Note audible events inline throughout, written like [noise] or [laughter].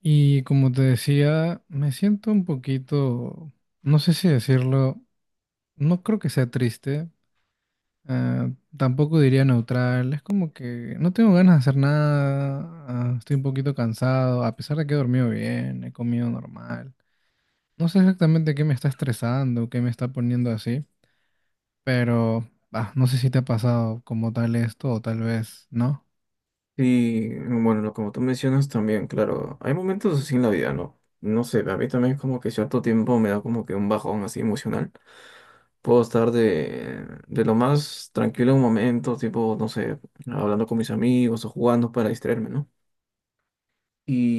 Y como te decía, me siento un poquito, no sé si decirlo, no creo que sea triste, ah, tampoco diría neutral, es como que no tengo ganas de hacer nada, estoy un poquito cansado, a pesar de que he dormido bien, he comido normal. No sé exactamente qué me está estresando, qué me está poniendo así, pero no sé si te ha pasado como tal esto o tal vez no. Sí, bueno, lo como tú mencionas también, claro, hay momentos así en la vida, ¿no? No sé, a mí también es como que cierto tiempo me da como que un bajón así emocional. Puedo estar de lo más tranquilo en un momento, tipo, no sé, hablando con mis amigos o jugando para distraerme, ¿no?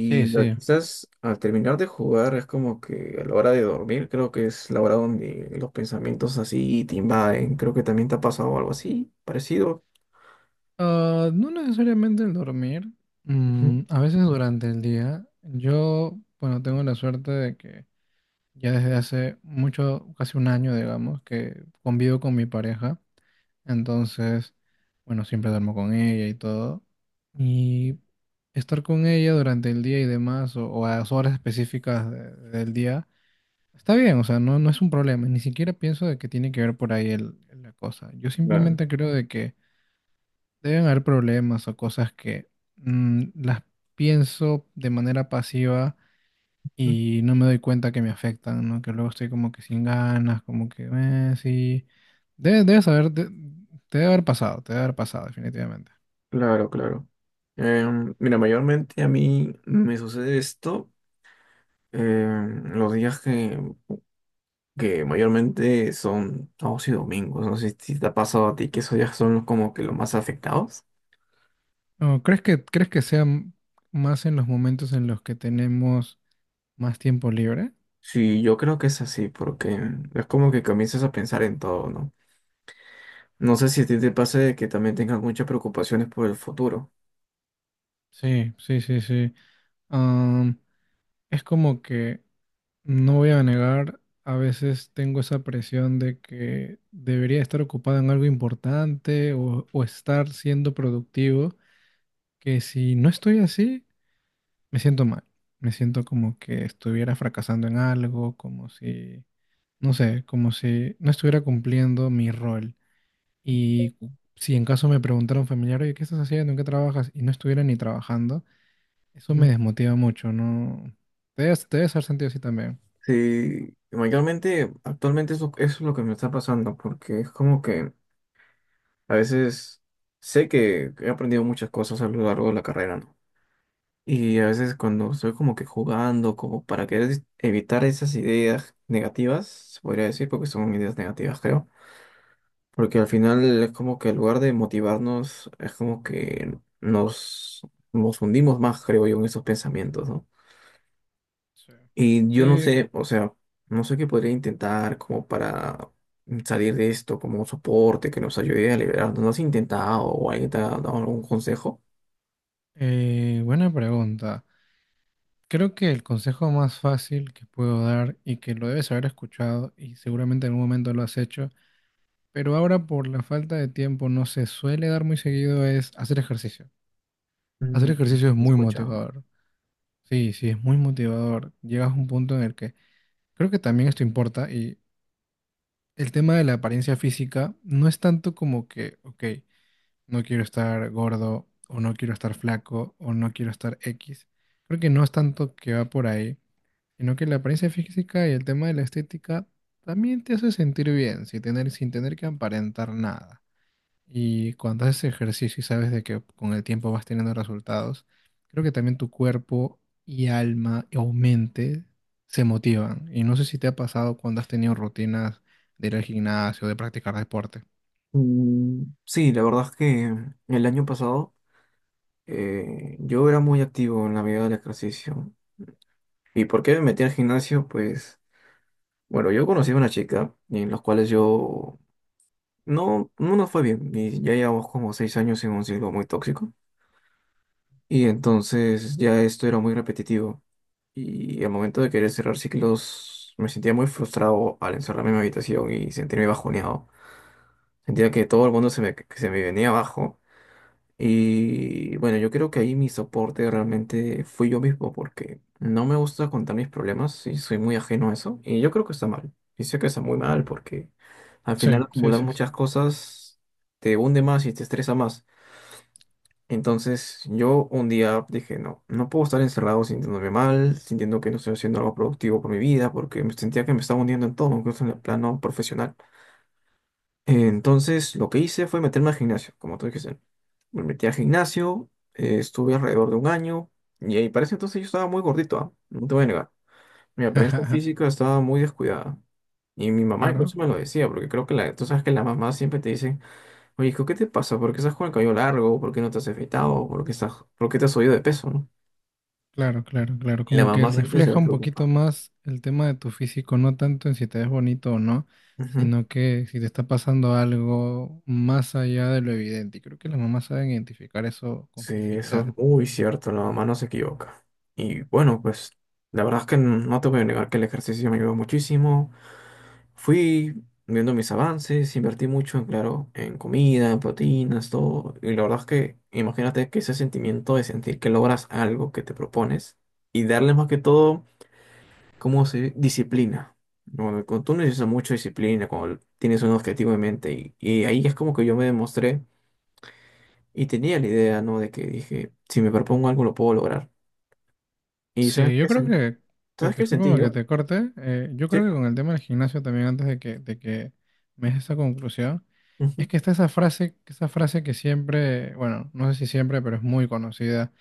Sí, sí. quizás al terminar de jugar es como que a la hora de dormir, creo que es la hora donde los pensamientos así te invaden. Creo que también te ha pasado algo así, parecido. Ah, no necesariamente el dormir. Ujú. Mm, a veces durante el día. Yo, bueno, tengo la suerte de que ya desde hace mucho, casi 1 año, digamos, que convivo con mi pareja. Entonces, bueno, siempre duermo con ella y todo. Y estar con ella durante el día y demás, o a las horas específicas del día, está bien, o sea, no, no es un problema. Ni siquiera pienso de que tiene que ver por ahí el- la cosa. Yo Claro. simplemente creo de que deben haber problemas o cosas que las pienso de manera pasiva y no me doy cuenta que me afectan, ¿no? Que luego estoy como que sin ganas, como que, sí. Debe, debes haber, de- Te debe haber pasado, te debe haber pasado, definitivamente. Claro, claro. Mira, mayormente a mí me sucede esto los días que mayormente son sábados y domingos. No sé si te ha pasado a ti que esos días son los como que los más afectados. ¿No crees que, crees que sea más en los momentos en los que tenemos más tiempo libre? Sí, yo creo que es así, porque es como que comienzas a pensar en todo, ¿no? No sé si a ti te pasa de que también tengas muchas preocupaciones por el futuro. Sí, sí, sí, sí. Am, es como que no voy a negar, a veces tengo esa presión de que debería estar ocupado en algo importante o estar siendo productivo, que si no estoy así, me siento mal. Me siento como que estuviera fracasando en algo, como si, no sé, como si no estuviera cumpliendo mi rol. Y si en caso me preguntara un familiar, oye, ¿qué estás haciendo? ¿En qué trabajas? Y no estuviera ni trabajando, eso me Mm. desmotiva mucho, ¿no? Te debes haber sentido así también. Sí, mayormente actualmente eso es lo que me está pasando, porque es como que a veces sé que he aprendido muchas cosas a lo largo de la carrera, ¿no? Y a veces cuando estoy como que jugando, como para querer evitar esas ideas negativas, se podría decir, porque son ideas negativas, creo. Porque al final es como que en lugar de motivarnos, es como que nos hundimos más, creo yo, en esos pensamientos, ¿no? Sí. Y yo no sí, Sí. sé, o sea, no sé qué podría intentar como para salir de esto, como un soporte que nos ayude a liberarnos. ¿No has intentado o alguien te ha dado algún consejo? Buena pregunta. Creo que el consejo más fácil que puedo dar y que lo debes haber escuchado y seguramente en algún momento lo has hecho, pero ahora por la falta de tiempo no se suele dar muy seguido es hacer ejercicio. Hacer Mm, ejercicio es he muy escuchado. motivador. Sí, sí, es muy motivador. Llegas a un punto en el que creo que también esto importa y el tema de la apariencia física no es tanto como que, ok, no quiero estar gordo o no quiero estar flaco o no quiero estar X. Creo que no es tanto que va por ahí, sino que la apariencia física y el tema de la estética también te hace sentir bien, sin tener, sin tener que aparentar nada. Y cuando haces ejercicio y sabes de que con el tiempo vas teniendo resultados, creo que también tu cuerpo y alma o mente se motivan. Y no sé si te ha pasado cuando has tenido rutinas de ir al gimnasio, de practicar deporte. Mm, sí, la verdad es que el año pasado yo era muy activo en la vida del ejercicio. ¿Y por qué me metí al gimnasio? Pues, bueno, yo conocí a una chica y en las cuales yo no nos fue bien. Y ya llevamos como seis años en un ciclo muy tóxico. Y entonces ya esto era muy repetitivo. Y al momento de querer cerrar ciclos, me sentía muy frustrado al encerrarme en mi habitación y sentirme bajoneado. Sentía que todo el mundo que se me venía abajo. Y bueno, yo creo que ahí mi soporte realmente fui yo mismo porque no me gusta contar mis problemas y soy muy ajeno a eso. Y yo creo que está mal. Y sé que está muy mal porque al Sí, final sí, acumular sí, sí. muchas cosas te hunde más y te estresa más. Entonces yo un día dije, no, no puedo estar encerrado sintiéndome mal, sintiendo que no estoy haciendo algo productivo por mi vida porque me sentía que me estaba hundiendo en todo, incluso en el plano profesional. Entonces, lo que hice fue meterme al gimnasio, como tú dijiste. Me metí al gimnasio, estuve alrededor de un año, y ahí parece entonces yo estaba muy gordito, ¿ah? No te voy a negar. Mi apariencia [laughs] física estaba muy descuidada. Y mi mamá Claro. incluso me lo decía, porque creo que tú sabes que las mamás siempre te dicen, oye, hijo, ¿qué te pasa? ¿Por qué estás con el cabello largo? ¿Por qué no te has afeitado? ¿Por qué por qué te has subido de peso, ¿no? Claro, claro, claro. Y la Como que mamá siempre se va refleja a un poquito preocupar. más el tema de tu físico, no tanto en si te ves bonito o no, Ujú. sino que si te está pasando algo más allá de lo evidente. Y creo que las mamás saben identificar eso con Sí, eso facilidad. es muy cierto, la mamá no se equivoca. Y bueno, pues la verdad es que no te voy a negar que el ejercicio me ayudó muchísimo. Fui viendo mis avances, invertí mucho, en, claro, en comida, en proteínas, todo. Y la verdad es que imagínate que ese sentimiento de sentir que logras algo que te propones y darle más que todo, como se dice? Disciplina. Bueno, cuando tú necesitas mucha disciplina, cuando tienes un objetivo en mente y ahí es como que yo me demostré. Y tenía la idea, ¿no? De que dije, si me propongo algo lo puedo lograr. ¿Y sabes Sí, yo qué, creo que ¿sabes qué sentí discúlpame que yo? te corte, yo creo Sí. que con el tema del gimnasio también antes de que me des esa conclusión, es Ujú. que está esa frase que siempre, bueno, no sé si siempre, pero es muy conocida,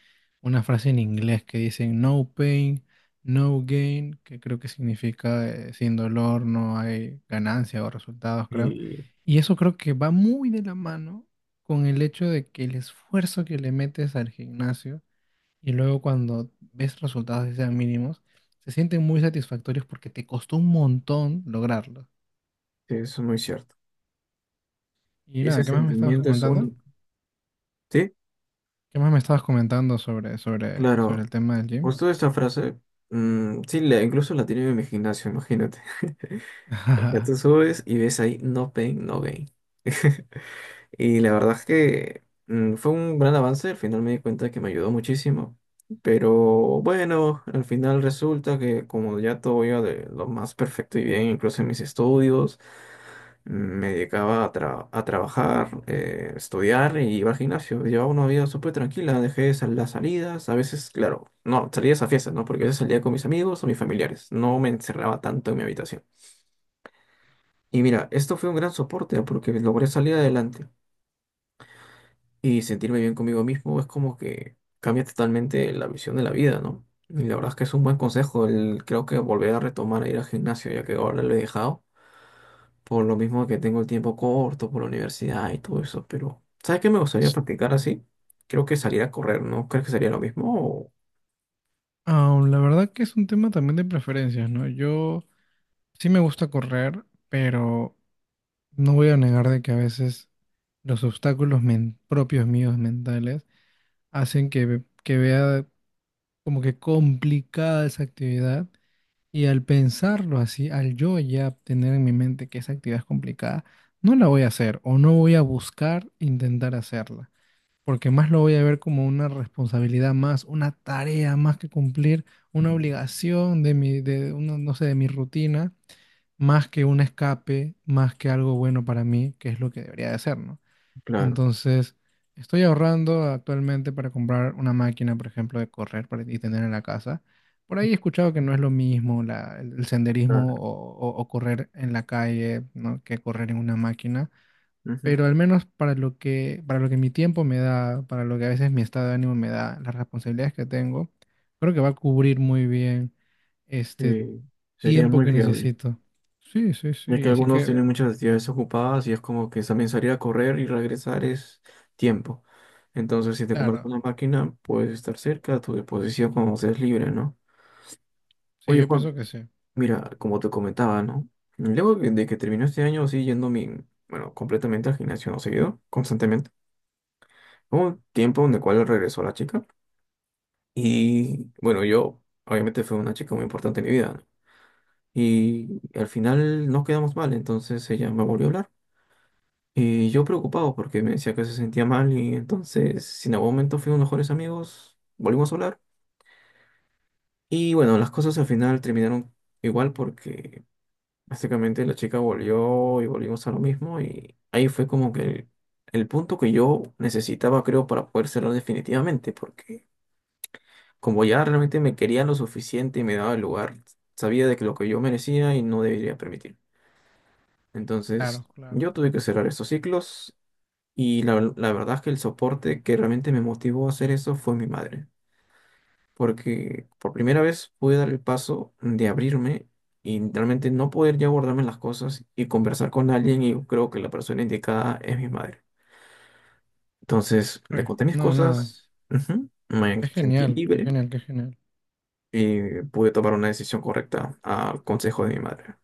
una frase en inglés que dicen no pain, no gain, que creo que significa sin dolor no hay ganancia o resultados, creo. Y sí, Y eso creo que va muy de la mano con el hecho de que el esfuerzo que le metes al gimnasio y luego cuando ves resultados que sean mínimos, se sienten muy satisfactorios porque te costó un montón lograrlo. eso es muy cierto. Y Y ese nada, ¿qué más me estabas sentimiento es comentando? único. Sí, ¿Qué más me estabas comentando sobre, sobre, sobre claro. el tema del gym? Justo esta frase, mm, sí, incluso la tiene en mi gimnasio, imagínate. [laughs] Ya tú [laughs] subes y ves ahí, no pain, no gain. [laughs] Y la verdad es que mm, fue un gran avance, al final me di cuenta que me ayudó muchísimo. Pero bueno, al final resulta que como ya todo iba de lo más perfecto y bien, incluso en mis estudios, mm, me dedicaba a, a trabajar, estudiar y iba al gimnasio. Llevaba una vida súper tranquila, dejé de las salidas, a veces, claro, no, salidas a fiestas, ¿no? Porque a veces salía con mis amigos o mis familiares, no me encerraba tanto en mi habitación. Y mira, esto fue un gran soporte porque logré salir adelante y sentirme bien conmigo mismo, es como que cambia totalmente la visión de la vida, ¿no? Y la verdad es que es un buen consejo. Creo que volver a retomar a ir al gimnasio, ya que ahora lo he dejado, por lo mismo que tengo el tiempo corto, por la universidad y todo eso. Pero, ¿sabes qué me gustaría practicar así? Creo que salir a correr, ¿no? ¿Crees que sería lo mismo? O... Ah, la verdad que es un tema también de preferencias, ¿no? Yo sí me gusta correr, pero no voy a negar de que a veces los obstáculos propios míos mentales hacen que, que vea como que complicada esa actividad. Y al pensarlo así, al yo ya tener en mi mente que esa actividad es complicada, no la voy a hacer o no voy a buscar intentar hacerla, porque más lo voy a ver como una responsabilidad más, una tarea más que cumplir, una obligación de mi, no sé, de mi rutina, más que un escape, más que algo bueno para mí, que es lo que debería de ser, ¿no? Claro, Entonces, estoy ahorrando actualmente para comprar una máquina, por ejemplo, de correr para, y tener en la casa. Por ahí he escuchado que no es lo mismo el claro. senderismo o correr en la calle, ¿no?, que correr en una máquina. Ujú. Pero al menos para lo que mi tiempo me da, para lo que a veces mi estado de ánimo me da, las responsabilidades que tengo, creo que va a cubrir muy bien este Sí, sería tiempo muy que fiable. necesito. Sí, sí, Ya que sí. Así algunos que, tienen muchas actividades ocupadas y es como que también salir a correr y regresar es tiempo. Entonces, si te compras claro, una máquina, puedes estar cerca a tu disposición cuando seas libre, ¿no? sí, Oye, yo Juan, pienso que sí. Ujú. mira, como te comentaba, ¿no? Luego de que terminó este año, sí, yendo mi, bueno, completamente al gimnasio, no seguido, constantemente. Hubo un tiempo en el cual regresó la chica y, bueno, yo, obviamente fue una chica muy importante en mi vida, ¿no? Y al final nos quedamos mal, entonces ella me volvió a hablar. Y yo preocupado porque me decía que se sentía mal y entonces, si en algún momento fuimos mejores amigos, volvimos a hablar. Y bueno, las cosas al final terminaron igual porque básicamente la chica volvió y volvimos a lo mismo y ahí fue como que el punto que yo necesitaba, creo, para poder cerrar definitivamente, porque como ya realmente me quería lo suficiente y me daba el lugar, sabía de que lo que yo merecía y no debería permitir. Claro, Entonces, claro. yo tuve que cerrar estos ciclos. Y la verdad es que el soporte que realmente me motivó a hacer eso fue mi madre, porque por primera vez pude dar el paso de abrirme y realmente no poder ya guardarme las cosas y conversar con alguien, y creo que la persona indicada es mi madre. Entonces le conté mis no, nada. cosas, ujú, me Qué sentí genial, qué libre genial, qué genial. y pude tomar una decisión correcta al consejo de mi madre.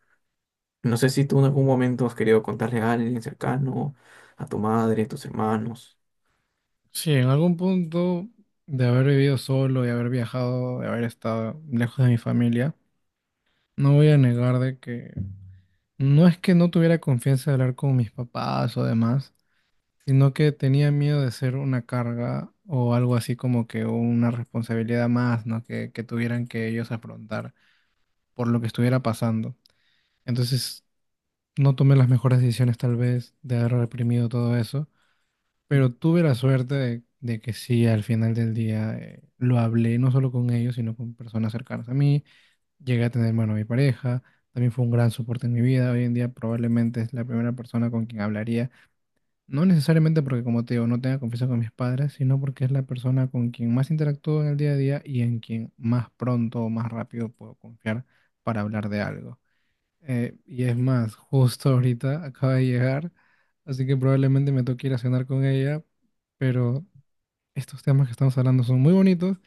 No sé si tú en algún momento has querido contarle a alguien cercano, a tu madre, a tus hermanos. Sí, en algún punto de haber vivido solo, de haber viajado, de haber estado lejos de mi familia, no voy a negar de que no es que no tuviera confianza de hablar con mis papás o demás, sino que tenía miedo de ser una carga o algo así como que una responsabilidad más, ¿no? Que tuvieran que ellos afrontar por lo que estuviera pasando. Entonces, no tomé las mejores decisiones tal vez de haber reprimido todo eso. Pero tuve la suerte de que sí, al final del día lo hablé no solo con ellos, sino con personas cercanas a mí. Llegué a tener, bueno, a mi pareja. También fue un gran soporte en mi vida. Hoy en día probablemente es la primera persona con quien hablaría. No necesariamente porque, como te digo, no tenga confianza con mis padres, sino porque es la persona con quien más interactúo en el día a día y en quien más pronto o más rápido puedo confiar para hablar de algo. Y es más, justo ahorita acaba de llegar, así que probablemente me toque ir a cenar con ella, pero estos temas que estamos hablando son muy bonitos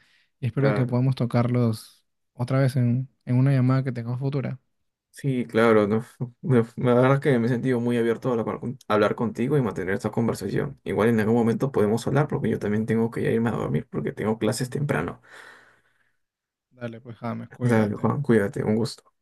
y espero que podamos tocarlos otra vez en una llamada que tengamos futura. Sí, claro, no, [laughs] la verdad que me he sentido muy abierto a hablar contigo y mantener esta conversación. Igual en algún momento podemos hablar porque yo también tengo que ya irme a dormir porque tengo clases temprano. Dale, pues, James, Dale, cuídate. Juan, cuídate, un gusto.